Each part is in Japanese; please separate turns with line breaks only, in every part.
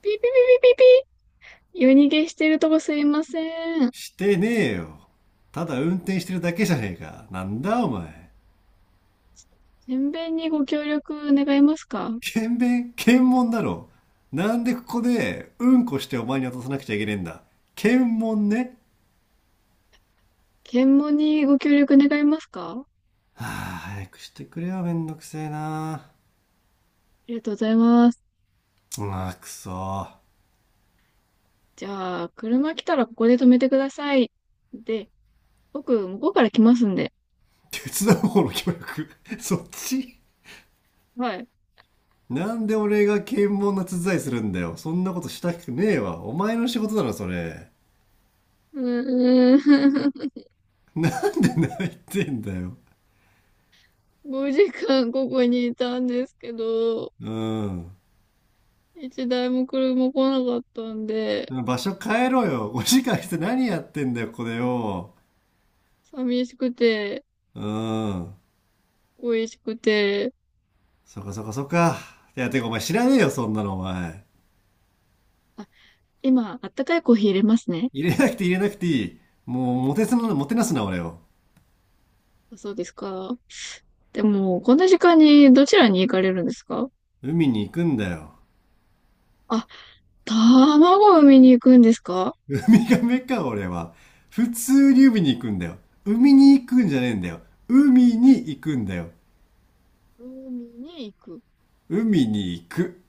ピーピーピーピーピーピー。夜逃げしてるとこすいません。
してねえよ。ただ運転してるだけじゃねえか。なんだお前。
検便にご協力願いますか？
検便検問だろ。なんでここでうんこしてお前に渡さなくちゃいけねえんだ。検問ね。
検問にご協力願いますか？あ
はあ、早くしてくれよ。めんどくせえな。
りがとうございます。
うわ、くそ。
じゃあ、車来たらここで止めてください。で、僕、向こうから来ますんで。
手伝う方の協力。そっち、
はい。
なんで俺が検問の手伝いするんだよ。そんなことしたくねえわ。お前の仕事だろ、それ。
うーん。
なんで泣いてんだよ。
5時間ここにいたんですけど、
うん。
一台も車来なかったんで、
場所変えろよ。5時間して何やってんだよ、これよ。
寂しくて、
うん。
恋しくて。
そっかそっかそっか。いや、てかお前知らねえよ、そんなのお前。
あ、今、あったかいコーヒー入れますね。
入れなくていい。もう、もてなすな、俺を。
あ、そうですか。でも、こんな時間にどちらに行かれるんですか？
海に行くんだよ。
あ、卵を産みに行くんですか？
ウミガメか、俺は。普通に海に行くんだよ。海に行くんじゃねえんだよ。海に行くんだよ。
海に行く。
海に行く。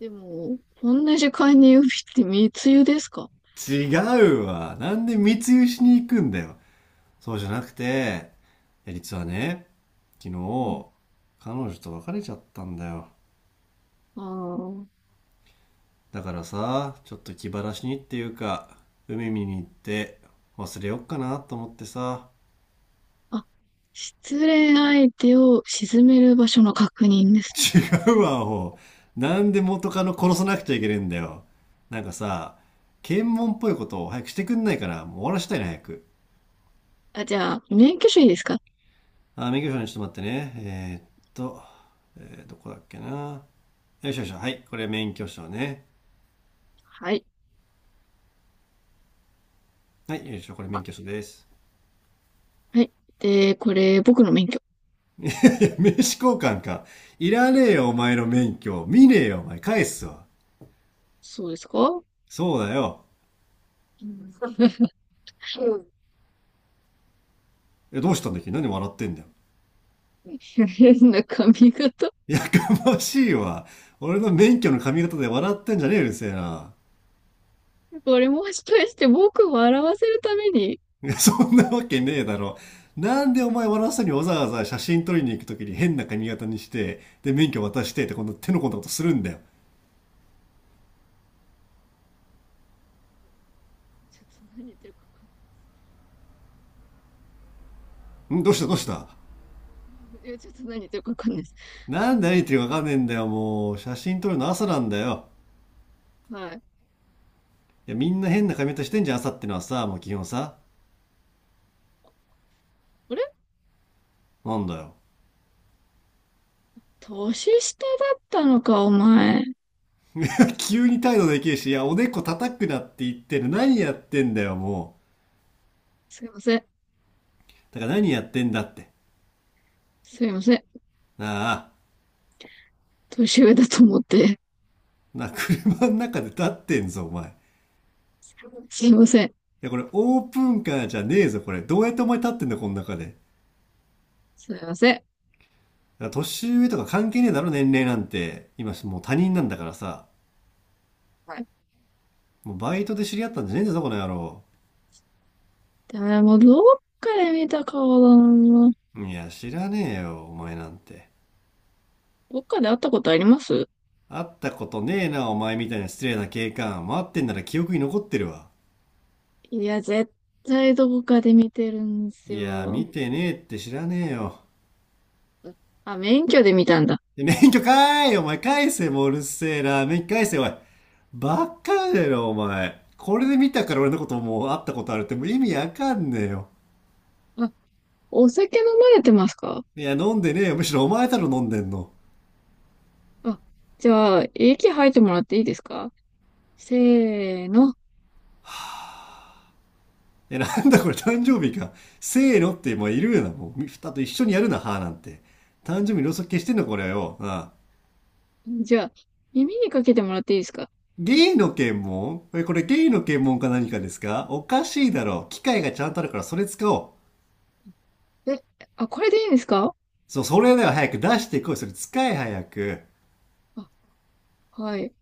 でも、こんな時間に海って密輸ですか？
違うわ。なんで密輸しに行くんだよ。そうじゃなくて、実はね、昨
うん。
日彼女と別れちゃったんだよ。
あ
だからさ、ちょっと気晴らしにっていうか、海見に行って忘れよっかなと思ってさ。
あ。あ、失恋相手を沈める場所の確認ですね。
違うわアホ。なんで元カノ殺さなくちゃいけねえんだよ。なんかさ、検問っぽいことを早くしてくんないからもう終わらしたいな早く。
あ、じゃあ、免許証いいですか？
あ、免許証に、ちょっと待ってねえー、っと、えーどこだっけな。よいしょよいしょ、はい、これ免許証ね。
はい。
はい、よいしょ、これ
あ、
免許証です。
はい。で、これ、僕の免許。
名刺交換か。いらねえよ、お前の免許。見ねえよ、お前。返すわ。
そうですか？
そうだよ。
うん。
え、どうしたんだっけ、何笑ってんだよ。
変な髪型。
やましいわ。俺の免許の髪型で笑ってんじゃねえよ、うるせえな。
これもしかして僕を笑わせるために？
いや、そんなわけねえだろ。なんでお前笑わせにわざわざ写真撮りに行くときに変な髪型にして、で、免許渡してって、こんな手の込んだことするんだよ。
ちょっと何言ってるか分か
ん、どうしたどうした。
んないです。いや、ちょっと何言ってるか分かんないです。
なんで何言ってるかわかんねえんだよ、もう。写真撮るの朝なんだよ。
はい。
いや、みんな変な髪型してんじゃん、朝ってのはさ、もう基本さ。
あれ？
なんだよ。
年下だったのか、お前。
急に態度できるし、いや、おでこ叩くなって言ってる。何やってんだよ、も
すいません。
う。だから何やってんだって。
すいません。
なあ、
年上だと思って。
なあ、車の中で立ってんぞ、お前。い
すいません。
や、これオープンカーじゃねえぞ、これ。どうやってお前立ってんだよ、この中で。だか
すいません。
ら年上とか関係ねえだろ、年齢なんて。今、もう他人なんだからさ。
はい。
もうバイトで知り合ったんじゃねえんだぞ、この野郎。
でも、どっかで見た顔だな。
いや、知らねえよ、お前なんて。
どっかで会ったことあります？
会ったことねえな、お前みたいな失礼な警官。待ってんなら記憶に残ってるわ。
いや、絶対どこかで見てるんです
いや、見
よ。
てねえって、知らねえよ。
あ、免許で見たんだ。
で、免許返え、お前返せ、もううるせえな。免許返せおい。ばっかだよお前。これで見たから俺のこともう会ったことあるって、もう意味わかんねえよ。
あ、お酒飲まれてますか？
いや、飲んでねえよ。むしろお前だろ飲んでんの。
あ、じゃあ、息吐いてもらっていいですか？せーの。
え、なんだこれ誕生日か。せーのってもういるよな。もう、ふたと一緒にやるな、はーなんて。誕生日ろうそく消してんのこれよ。なあ。
じゃあ、耳にかけてもらっていいですか？
ゲイの検問、え、これゲイの検問か何かですか。おかしいだろ。機械がちゃんとあるからそれ使おう。
え、あ、これでいいんですか？
そう、それでは早く出してこい。それ使え早く。
あ、はい。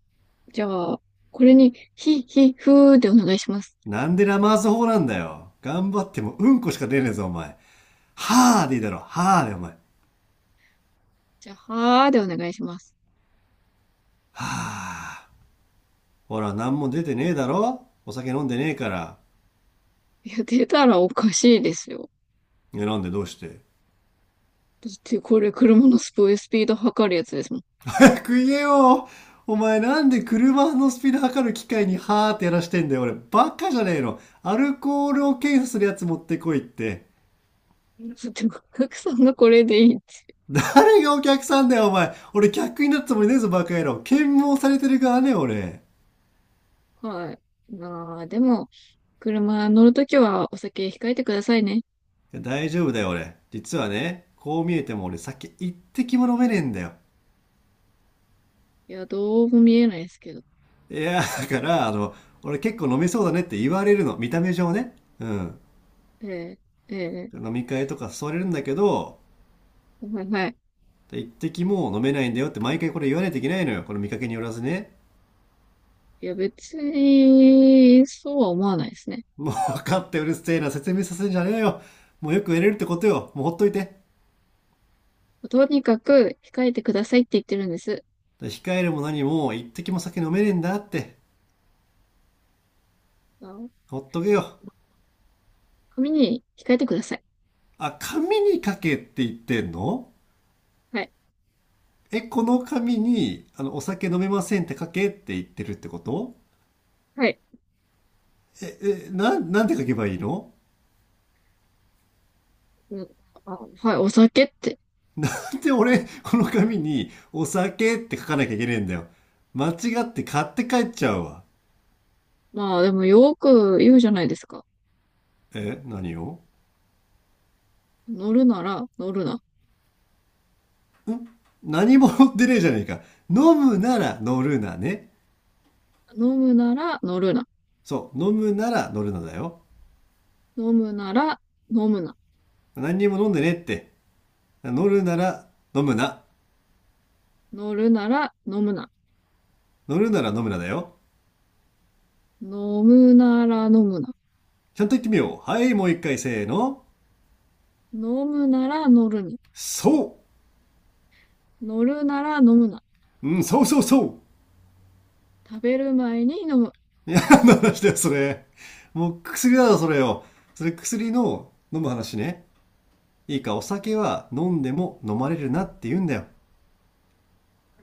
じゃあ、これに、ひ、ひ、ふーでお願いします。
なんでラマーズ法なんだよ。頑張ってもうんこしか出ねえぞ、お前。はぁでいいだろ。はぁで、お前。
じゃあ、はーでお願いします。
はぁ。ほら、なんも出てねえだろ、お酒飲んでねえから。
いや、出たらおかしいですよ。
いや、なんで、どうして
だって、これ車のスピード測るやつですもん。
早く言 えよ。お前なんで車のスピード測る機械にはーってやらしてんだよ。俺、バカじゃねえの。アルコールを検査するやつ持ってこいって。
だって、お客さんがこれでいいって。
誰がお客さんだよ、お前。俺、客になったつもりねえぞ、バカ野郎。検問されてる側ね、俺。
はい。まあ、でも、車乗るときはお酒控えてくださいね。
や、大丈夫だよ俺。実はね、こう見えても俺酒一滴も飲めねえんだよ。
いや、どうも見えないですけど。
いや、だから、俺結構飲めそうだねって言われるの。見た目上ね。うん。
ええ、ええ、
飲み会とか誘われるんだけど、
はい、はい。
一滴も飲めないんだよって毎回これ言わないといけないのよ。この見かけによらずね。
いや、別に、そうは思わないですね。
もう分かって、うるせえな。説明させんじゃねえよ。もうよくやれるってことよ。もうほっといて。
とにかく控えてくださいって言ってるんです。
控えるも何も一滴も酒飲めねえんだって。
あ、
ほっとけよ。
紙に控えてください。
あ、紙に書けって言ってんの？
はい。
え、この紙に、お酒飲めませんって書けって言ってるってこと？
はい。
え、なんて書けばいいの？
うん、あ、はい。お酒って。
で、俺、この紙に、お酒って書かなきゃいけねえんだよ。間違って買って帰っちゃうわ。
まあでもよく言うじゃないですか。
え、何を？
乗るなら乗るな。
ん、何も乗ってねえじゃねえか。飲むなら乗るなね。
飲むなら乗るな。
そう、飲むなら乗るなだよ。
飲むなら飲むな。
何にも飲んでねえって。乗るなら飲むな。
乗るなら飲むな。
乗るなら飲むなだよ。
飲むなら飲むな。
ちゃんと言ってみよう。はい、もう一回せーの。
飲むなら乗るに
そ
乗るなら飲むな。
う、うん、そうそうそう。
食べる前に飲む。
いや、何の話だよ、それ。もう薬だろ、それよ。それ薬の飲む話ね。いいか、お酒は飲んでも飲まれるなって言うんだよ。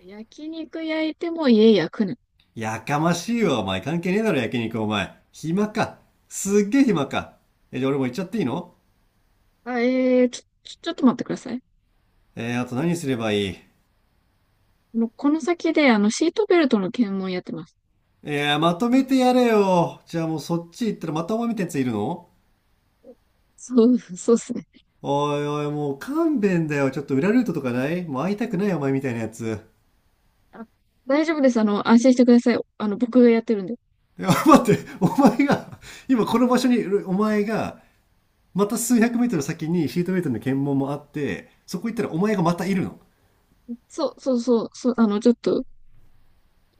焼肉焼いても家焼くな。
やかましいわ、お前。関係ねえだろ、焼肉、お前。暇か。すっげえ暇か。え、じゃあ俺も行っちゃっていいの？
あ、えー、ちょ、ちょ、ちょっと待ってください。
あと何すればいい？
もうこの先で、あの、シートベルトの検問やってます。
まとめてやれよ。じゃあもうそっち行ったらまたお前みたいなやついるの？
そう、そうですね。
おいおい、もう勘弁だよ。ちょっと裏ルートとかない？もう会いたくないお前みたいなやつ。
あ、大丈夫です。あの、安心してください。あの、僕がやってるんで。
いや、待って、お前が、今この場所に、お前が、また数百メートル先にシートベルトの検問もあって、そこ行ったらお前がまたいるの。
そう、そう、そう、そう、あの、ちょっと、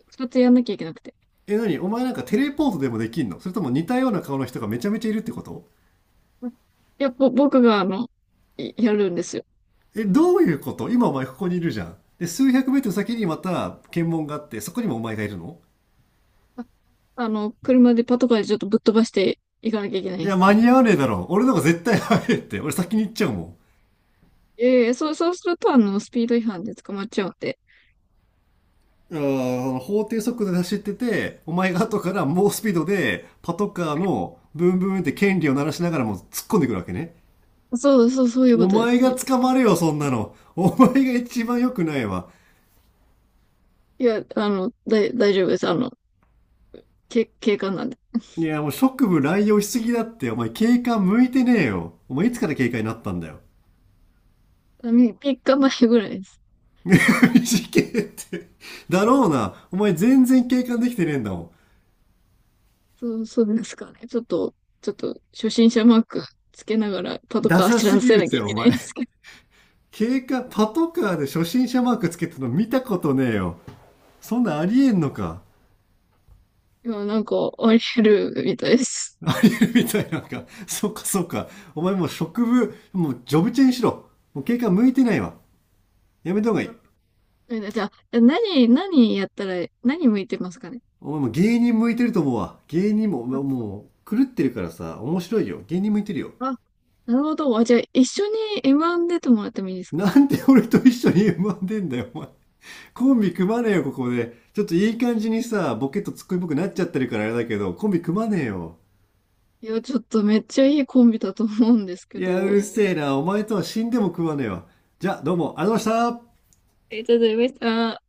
二つやんなきゃいけなくて。
え、なにお前なんかテレポートでもできんの？それとも似たような顔の人がめちゃめちゃいるってこと？
あ、いや、ぼ、僕が、あの、いやるんですよ。
え、どういうこと？今お前ここにいるじゃん。で、数百メートル先にまた検問があって、そこにもお前がいるの？
あ、あの、車でパトカーでちょっとぶっ飛ばしていかなきゃいけない
い
で
や、
す。
間に合わねえだろ。俺の方が絶対早いって。俺先に行っちゃうもん。
ええ、そう、そうすると、あの、スピード違反で捕まっちゃうんで。
あ、法定速度で走ってて、お前が後から猛スピードでパトカーのブンブンって権利を鳴らしながらもう突っ込んでくるわけね。
そう、そう、そういうこ
お
とです。
前
そう
が
いう
捕まるよ、そんなの。お前が一番良くないわ。
いや、あの、だい、大丈夫です。あの、け、警官なんで。
いや、もう職務乱用しすぎだって。お前警官向いてねえよ。お前いつから警官になったんだよ。
あ、み、3日前ぐらいです。
事件って。だろうな。お前全然警官できてねえんだもん。
そう、そうですかね。ちょっと、ちょっと、初心者マークつけながらパト
ダ
カー
サ
知
す
ら
ぎ
せ
るっ
なきゃ
て、
い
お
けない
前。
んですけど、
警官、パトカーで初心者マークつけてるの見たことねえよ。そんなありえんのか。
今なんか、あり得るみたいです。
ありえるみたいなんか。そっかそっか。お前もう職務、もうジョブチェンしろ。もう警官向いてないわ。やめた方が
じ
い
ゃ
い。
あ、じゃあ何、何やったら、何向いてますかね。
お前もう芸人向いてると思うわ。芸人も、
あ、
もう狂ってるからさ、面白いよ。芸人向いてるよ。
あ、なるほど。あ、じゃあ、一緒に M1 出てもらってもいいですか？
なんで俺と一緒に M1 出んだよ、お前。コンビ組まねえよ、ここで。ちょっといい感じにさ、ボケとツッコミっぽくなっちゃってるからあれだけど、コンビ組まねえよ。
いや、ちょっとめっちゃいいコンビだと思うんですけ
いや、う
ど。
るせえな。お前とは死んでも組まねえわ。じゃあ、どうも、ありがとうございました。
え、ちょっと、めっちゃ、